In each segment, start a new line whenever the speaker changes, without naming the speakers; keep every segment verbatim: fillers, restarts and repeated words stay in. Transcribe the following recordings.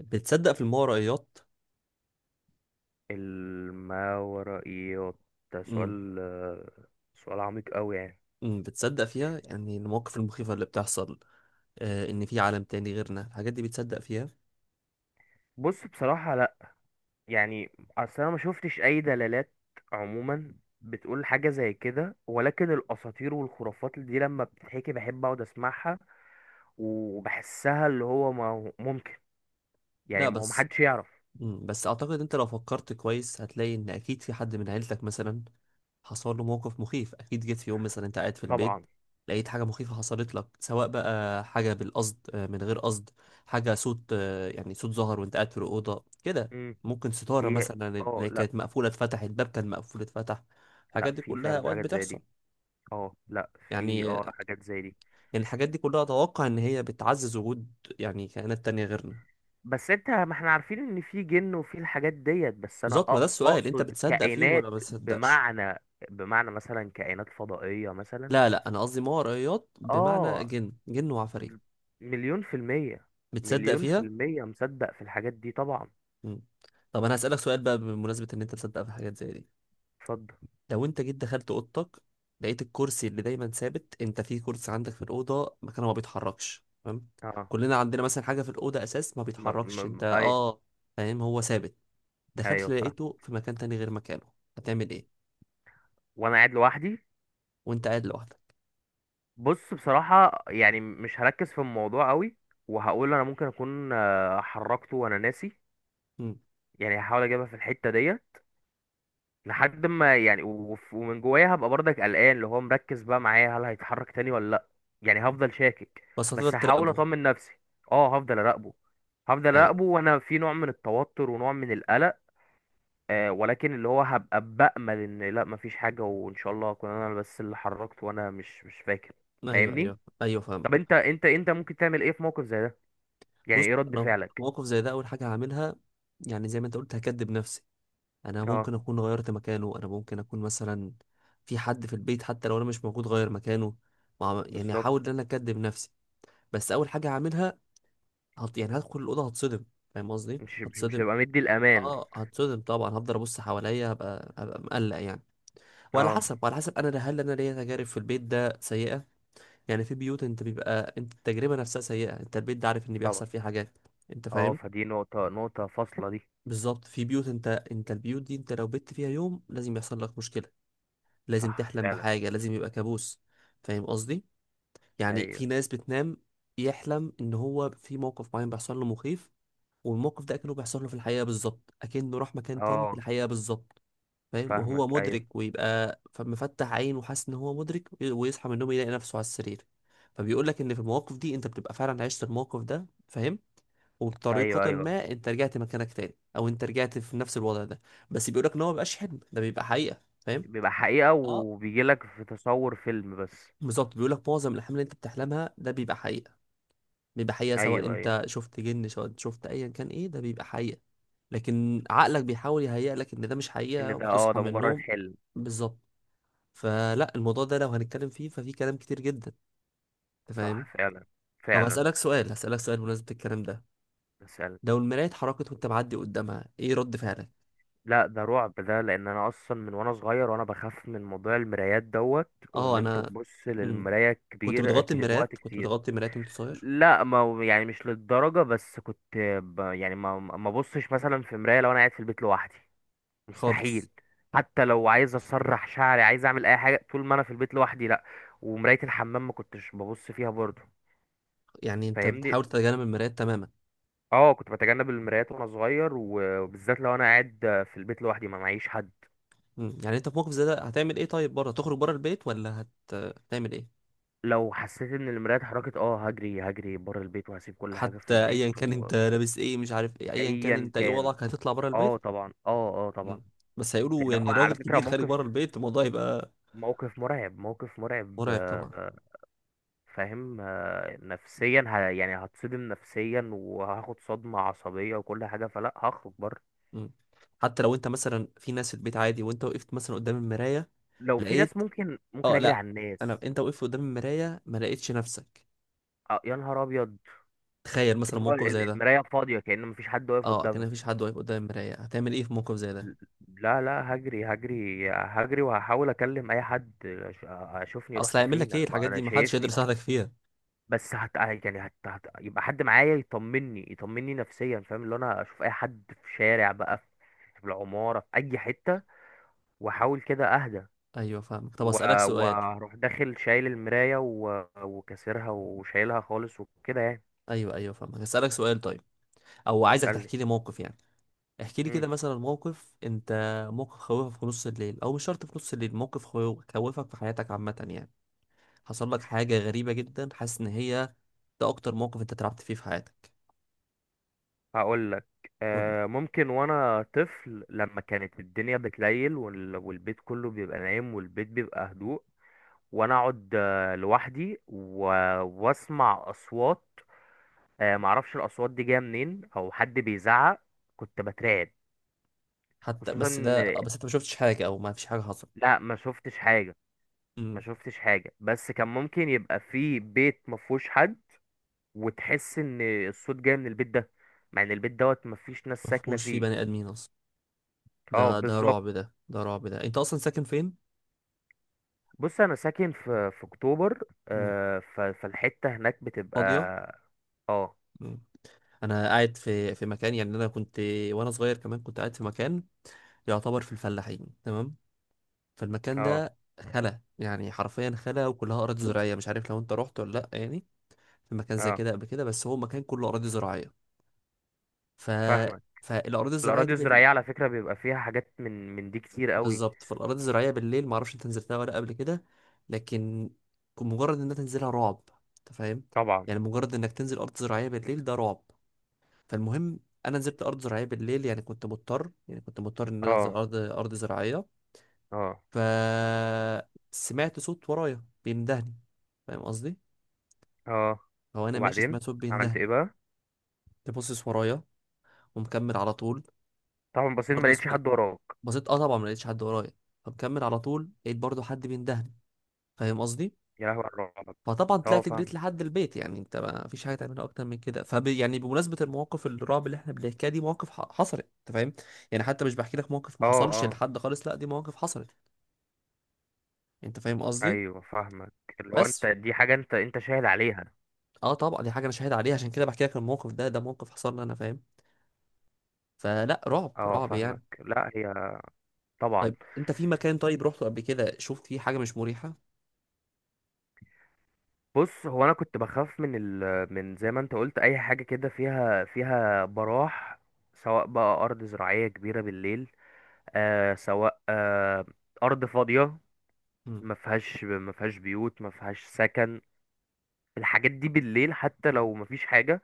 بتصدق في الماورائيات؟
الماورائيات، ده
امم
سؤال آه، سؤال عميق قوي، يعني.
امم بتصدق فيها، يعني المواقف المخيفة اللي بتحصل، آه ان في عالم تاني غيرنا الحاجات دي بتصدق فيها؟
بص، بصراحة لا، يعني اصل انا ما شفتش اي دلالات عموما بتقول حاجة زي كده، ولكن الاساطير والخرافات دي لما بتتحكي بحب اقعد اسمعها وبحسها، اللي هو ما هو ممكن،
لا
يعني ما هو
بس،
محدش يعرف.
امم بس اعتقد انت لو فكرت كويس هتلاقي ان اكيد في حد من عيلتك مثلا حصل له موقف مخيف. اكيد جيت في يوم مثلا انت قاعد في البيت
طبعا.
لقيت حاجة مخيفة حصلت لك، سواء بقى حاجة بالقصد، آه، من غير قصد. حاجة صوت، آه، يعني صوت ظهر وانت قاعد في الأوضة كده.
امم
ممكن ستارة
هي.
مثلا
اه،
اللي
لا،
كانت مقفولة اتفتحت، باب كان مقفول اتفتح.
لا،
الحاجات دي
في
كلها
فعلا
أوقات
حاجات زي
بتحصل.
دي. اه، لا، في
يعني
اه حاجات زي دي.
يعني الحاجات دي كلها اتوقع ان هي بتعزز وجود يعني كائنات تانية غيرنا.
بس انت، ما احنا عارفين ان في جن وفي الحاجات ديت، بس انا
بالظبط، ما
أ-
ده السؤال، انت
اقصد
بتصدق فيهم ولا ما
كائنات
بتصدقش؟
بمعنى، بمعنى مثلا كائنات فضائية مثلا.
لا لا، انا قصدي ماورائيات، بمعنى
اه،
جن جن وعفاريت.
مليون في المية،
بتصدق
مليون في
فيها؟
المية مصدق في الحاجات دي طبعا.
مم. طب انا هسألك سؤال بقى بمناسبة ان انت تصدق في حاجات زي دي.
اتفضل.
لو انت جيت دخلت اوضتك، لقيت الكرسي اللي دايما ثابت، انت في كرسي عندك في الاوضة مكانه ما بيتحركش، تمام؟
اه،
كلنا عندنا مثلا حاجة في الاوضة اساس ما
ما ما
بيتحركش، انت
ما- اي،
اه فاهم، هو ثابت. دخلت
ايوه، فاهم.
لقيته في مكان تاني غير مكانه، هتعمل ايه
وانا قاعد لوحدي؟
وانت قاعد لوحدك؟
بص، بصراحة يعني مش هركز في الموضوع قوي، وهقول انا ممكن اكون آه، حركته وانا ناسي.
مم.
يعني هحاول اجيبها في الحتة ديت، لحد ما يعني وف- ومن جوايا هبقى برضك قلقان، اللي هو مركز بقى معايا هل هيتحرك تاني ولا لا. يعني هفضل شاكك،
بس هتقدر
بس هحاول
تراقبه؟
اطمن نفسي. اه، هفضل اراقبه، هفضل
ايوه،
اراقبه وانا في نوع من التوتر ونوع من القلق، آه، ولكن اللي هو هبقى بأمل ان لا مفيش حاجة وان شاء الله اكون انا بس اللي حركت وانا مش مش فاكر.
ايوه،
فاهمني؟
ايوه، ايوه،
طب
فاهمك.
انت انت انت ممكن تعمل ايه في موقف زي ده؟ يعني
بص
ايه رد
انا في
فعلك؟
موقف زي ده، اول حاجه هعملها يعني زي ما انت قلت، هكدب نفسي. انا ممكن
اه،
اكون غيرت مكانه، انا ممكن اكون مثلا في حد في البيت حتى لو انا مش موجود غير مكانه. مع... يعني
بالظبط.
هحاول ان انا اكدب نفسي. بس اول حاجه هعملها، هت... يعني هدخل الاوضه، هتصدم. فاهم قصدي؟
مش مش مش
هتصدم.
هبقى مدي الامان.
اه هتصدم طبعا، هفضل ابص حواليا، هبقى هبقى مقلق يعني. وعلى
اه،
حسب وعلى حسب انا، هل انا ليا تجارب في البيت ده سيئه؟ يعني في بيوت انت بيبقى انت التجربه نفسها سيئه، انت البيت ده عارف ان
طبعا،
بيحصل فيه حاجات، انت
اه،
فاهم؟
فدي نقطة نقطة فاصلة دي.
بالظبط. في بيوت، انت انت البيوت دي انت لو بت فيها يوم لازم يحصل لك مشكله، لازم
صح،
تحلم
فعلا.
بحاجه، لازم يبقى كابوس. فاهم قصدي؟ يعني
ايوه،
في ناس بتنام يحلم ان هو في موقف معين بيحصل له مخيف، والموقف ده اكنه بيحصل له في الحقيقه بالظبط، اكنه راح مكان تاني في
اه،
الحقيقه بالظبط. فاهم؟ وهو
فاهمك. ايوه،
مدرك ويبقى فمفتح عين وحاسس ان هو مدرك، ويصحى من النوم يلاقي نفسه على السرير. فبيقول لك ان في المواقف دي انت بتبقى فعلا عشت الموقف ده. فاهم؟
ايوه،
وبطريقة
ايوه،
ما انت رجعت مكانك تاني او انت رجعت في نفس الوضع ده. بس بيقول لك ان هو مبيبقاش حلم، ده بيبقى حقيقة. فاهم؟
بيبقى حقيقة،
اه
وبيجيلك في تصور فيلم بس.
بالظبط، بيقول لك معظم الاحلام اللي انت بتحلمها ده بيبقى حقيقة، بيبقى حقيقة سواء
ايوه، ايوه،
انت شفت جن، سواء انت شفت ايا كان، ايه ده بيبقى حقيقة. لكن عقلك بيحاول يهيئ لك ان ده مش
ان
حقيقة
ده اه
وتصحى
ده
من
مجرد
النوم.
حلم.
بالظبط. فلا الموضوع ده لو هنتكلم فيه ففي كلام كتير جدا. انت
صح،
فاهم؟
فعلا،
طب
فعلا.
هسألك سؤال هسألك سؤال بمناسبة الكلام ده.
مثلا،
لو المراية اتحركت وانت معدي قدامها، ايه رد فعلك؟
لا ده رعب ده، لان انا اصلا من وانا صغير وانا بخاف من موضوع المرايات دوت،
اه
وان انت
انا
تبص
مم.
للمراية
كنت
كبير
بتغطي
ك- وقت
المرايات كنت
كتير.
بتغطي المرايات وانت صغير؟
لا، ما هو يعني مش للدرجة، بس كنت ب... يعني ما ما بصش مثلا في مراية لو انا قاعد في البيت لوحدي.
خالص.
مستحيل. حتى لو عايز اسرح شعري، عايز اعمل اي حاجه طول ما انا في البيت لوحدي، لا. ومرايه الحمام ما كنتش ببص فيها برضه.
يعني انت
فاهمني؟
بتحاول تتجنب المرايات تماما؟
اه، كنت بتجنب المرايات وانا صغير، و- وبالذات لو انا قاعد في البيت لوحدي، ما معيش حد.
مم. يعني انت في موقف زي ده هتعمل ايه؟ طيب بره، تخرج بره البيت ولا هت... هتعمل ايه؟
لو حسيت ان المرايه اتحركت، اه، هجري هجري بره البيت، وهسيب كل حاجه في
حتى
البيت،
ايا كان انت لابس ايه مش عارف ايه، ايا كان
وايا
انت ايه
كان.
وضعك، هتطلع بره
اه،
البيت؟
طبعا، اه، اه، طبعا.
مم. بس هيقولوا
لان هو
يعني راجل
على فكره
كبير خارج
موقف
بره البيت، الموضوع يبقى
موقف مرعب، موقف مرعب
مرعب طبعا.
آه، فاهم آه، نفسيا ه... يعني هتصدم نفسيا، وهاخد صدمة عصبية وكل حاجة، فلا هخرج بره.
مم. حتى لو انت مثلا في ناس في البيت عادي، وانت وقفت مثلا قدام المرايه
لو في ناس
لقيت...
ممكن ممكن
اه
اجري
لا
على الناس.
انا، انت وقفت قدام المرايه ما لقيتش نفسك.
آه، يا نهار ابيض!
تخيل مثلا
اللي هو
موقف زي
ال-
ده،
المراية فاضية، كأن مفيش حد واقف
اه كان
قدامها.
مفيش حد واقف قدام المرايه، هتعمل ايه في موقف زي ده؟
لا، لا، هجري هجري هجري، وهحاول اكلم اي حد أش- اشوفني
اصل
رحت
هيعمل
فين،
لك
انا
ايه
ما
الحاجات
انا
دي، ما حدش يقدر
شايفني.
يساعدك فيها.
بس هت يعني هت... هت... يبقى حد معايا يطمني، يطمني نفسيا، فاهم؟ اللي انا اشوف اي حد في شارع بقى، في العمارة، في اي حتة، واحاول كده اهدى،
ايوه فاهمك، طب
و-
اسالك سؤال،
واروح داخل شايل المراية، و- وكسرها وشايلها خالص وكده، يعني.
ايوه ايوه فاهمك، اسالك سؤال طيب، او عايزك
اسألني.
تحكي لي موقف يعني. احكي لي
مم.
كده مثلا موقف انت... موقف خوفك في نص الليل، او مش شرط في نص الليل، موقف خوفك خوفك في حياتك عامه يعني. حصل لك حاجه غريبه جدا حاسس ان هي... ده اكتر موقف انت اترعبت فيه في حياتك؟
هقول لك.
قول لي.
آه ممكن وانا طفل لما كانت الدنيا بتليل، وال- والبيت كله بيبقى نايم، والبيت بيبقى هدوء، وانا اقعد آه، لوحدي، و- واسمع اصوات آه معرفش الاصوات دي جايه منين، او حد بيزعق، كنت بترعب.
حتى
خصوصا
بس ده،
إن-
بس انت ما شفتش حاجه او ما فيش حاجه حصلت؟
لا، ما شفتش حاجه. ما
امم
شفتش حاجه، بس كان ممكن يبقى في بيت ما فيهوش حد، وتحس ان الصوت جاي من البيت ده، مع ان البيت دوت مفيش ناس
ما
ساكنه
فيهوش فيه
فيه.
بني ادمين اصلا،
اه،
ده ده
بالظبط.
رعب ده، ده رعب ده، انت اصلا ساكن فين؟
بص، انا ساكن في في اكتوبر.
امم
آه ف- فالحته هناك بتبقى.
فاضيه.
اه،
امم انا قاعد في في مكان يعني انا كنت، وانا صغير كمان كنت قاعد في مكان يعتبر في الفلاحين، تمام؟ فالمكان
اه،
ده خلا، يعني حرفيا خلا، وكلها اراضي زراعيه. مش عارف لو انت رحت ولا لا يعني، في مكان زي
اه،
كده قبل كده. بس هو مكان كله اراضي زراعيه. ف
فاهمك.
فالاراضي الزراعيه
الاراضي
دي
الزراعيه على فكره بيبقى فيها حاجات من من دي كتير قوي.
بالظبط، فالأراضي الزراعية بالليل معرفش انت نزلتها ولا قبل كده، لكن مجرد انك تنزلها رعب. انت فاهم؟
طبعا.
يعني مجرد انك تنزل أرض زراعية بالليل ده رعب. فالمهم، أنا نزلت أرض زراعية بالليل، يعني كنت مضطر يعني كنت مضطر إن أنا أنزل
اه،
أرض أرض زراعية.
اه،
فسمعت صوت ورايا بيندهني. فاهم قصدي؟
اه.
هو أنا ماشي
وبعدين
سمعت صوت
عملت
بيندهني.
ايه بقى؟
تبصص ورايا، ومكمل على طول.
طبعا بصيت ما
برضه
لقيتش
سمعت.
حد وراك.
بصيت، اه طبعا ما لقيتش حد ورايا، فمكمل على طول لقيت برضه حد بيندهني. فاهم قصدي؟
يا لهوي على الرعب!
فطبعا
اه،
طلعت جريت
فاهمك.
لحد البيت، يعني انت ما فيش حاجه تعملها اكتر من كده. فب يعني بمناسبه المواقف الرعب اللي احنا بنحكيها، دي مواقف ح- حصلت. انت فاهم؟ يعني حتى مش بحكي لك موقف ما
اه،
حصلش
اه،
لحد خالص، لا دي مواقف حصلت. انت فاهم قصدي؟
ايوه، فاهمك. اللي هو
بس.
انت، دي حاجه انت انت شاهد عليها.
اه طبعا دي حاجه انا شاهد عليها عشان كده بحكي لك الموقف ده، ده موقف حصل لي انا. فاهم؟ فلا، رعب،
اه،
رعب يعني.
فاهمك. لا، هي طبعا.
طيب انت في مكان طيب رحته قبل كده شفت فيه حاجه مش مريحه؟
بص، هو انا كنت بخاف من ال... من زي ما انت قلت، اي حاجه كده فيها، فيها براح. سواء بقى ارض زراعيه كبيره بالليل، آه سواء آه ارض فاضيه،
امم
ما فيهاش ما فيهاش بيوت، ما فيهاش سكن. الحاجات دي بالليل حتى لو ما فيش حاجه،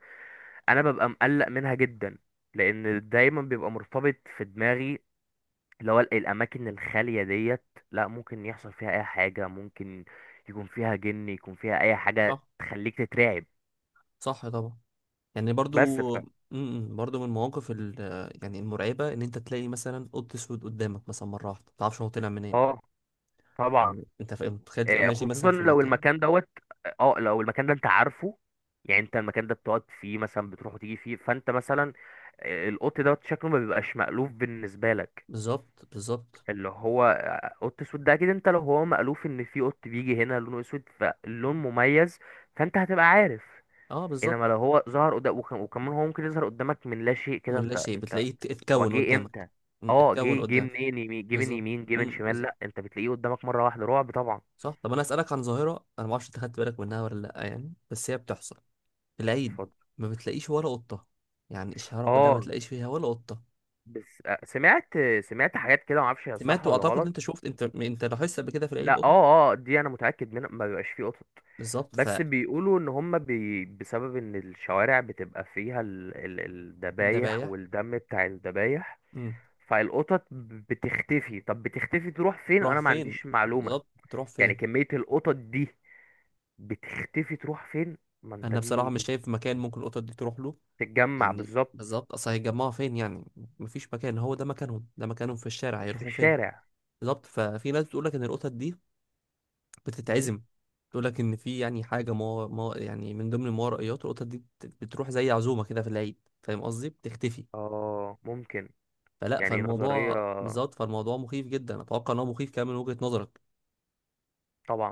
انا ببقى مقلق منها جدا، لان دايما بيبقى مرتبط في دماغي اللي هو ال- الأماكن الخالية ديت، لا، ممكن يحصل فيها أي حاجة، ممكن يكون فيها جن، يكون فيها أي حاجة
صح،
تخليك تترعب.
صح طبعا. يعني
بس ف
برضو م- م- برضو من المواقف ال- يعني المرعبة إن أنت تلاقي مثلا قط أسود قدامك مثلا مرة واحدة ما تعرفش هو طلع منين.
اه، طبعا.
يعني أنت فاهم، متخيل تبقى
آه،
ماشي مثلا
خصوصا
في
لو
مكان.
المكان دوت، اه، لو المكان ده انت عارفه، يعني انت المكان ده بتقعد فيه مثلا، بتروح وتيجي فيه، فانت مثلا آه، القط دوت شكله ما بيبقاش مألوف بالنسبة لك.
بالظبط، بالظبط.
اللي هو آه، قط اسود ده، اكيد انت لو هو مألوف ان في قط بيجي هنا لونه اسود فاللون مميز، فانت هتبقى عارف.
أه بالظبط.
انما لو هو ظهر قدام، وكم- وكمان هو ممكن يظهر قدامك من لا شيء كده،
من لا
انت
شيء
انت.
بتلاقيه ات-
هو
اتكون
جه
قدامك.
امتى؟
م،
اه،
اتكون
جه جه
قدامك.
منين؟ يمين؟ جه من
بالظبط.
يمين؟ جه من
م،
شمال؟
بالظبط.
لا، انت بتلاقيه قدامك مره واحده، رعب طبعا.
صح. طب أنا أسألك عن ظاهرة، أنا معرفش أنت خدت بالك منها ولا لأ يعني، بس هي بتحصل في العيد،
اتفضل.
ما بتلاقيش ولا قطة، يعني الشوارع كلها ما
اه،
تلاقيش فيها ولا قطة.
بس، آه، سمعت، سمعت حاجات كده معرفش هي صح
سمعت
ولا
واعتقد ان
غلط.
انت شفت انت انت لاحظت قبل كده في العيد
لا،
قطه.
اه، اه، دي انا متاكد منها، ما بيبقاش فيه قطط.
بالظبط.
بس بيقولوا ان هم بي بسبب ان الشوارع بتبقى فيها ال- ال- الذبايح
الدبايح.
والدم بتاع الذبايح،
امم
فالقطط بتختفي. طب بتختفي تروح فين؟
تروح
انا ما
فين،
عنديش معلومة.
بالظبط تروح
يعني
فين.
كمية القطط دي بتختفي تروح فين؟ ما انت
انا بصراحه مش
دي
شايف مكان ممكن القطط دي تروح له،
تتجمع
يعني
بالظبط.
بالظبط اصل هيتجمعوا فين يعني، مفيش مكان، هو ده مكانهم، ده مكانهم في الشارع،
مش في
هيروحوا فين؟
الشارع.
بالظبط. ففي ناس بتقول لك ان القطط دي
مم.
بتتعزم. تقول لك ان في يعني حاجه ما, ما يعني من ضمن الماورائيات، القطط دي بت- بتروح زي عزومه كده في العيد. فاهم قصدي؟ بتختفي.
اه، ممكن.
فلا
يعني نظرية.
فالموضوع بالظبط، فالموضوع مخيف جدا. اتوقع ان هو مخيف كمان من وجهه نظرك.
طبعا.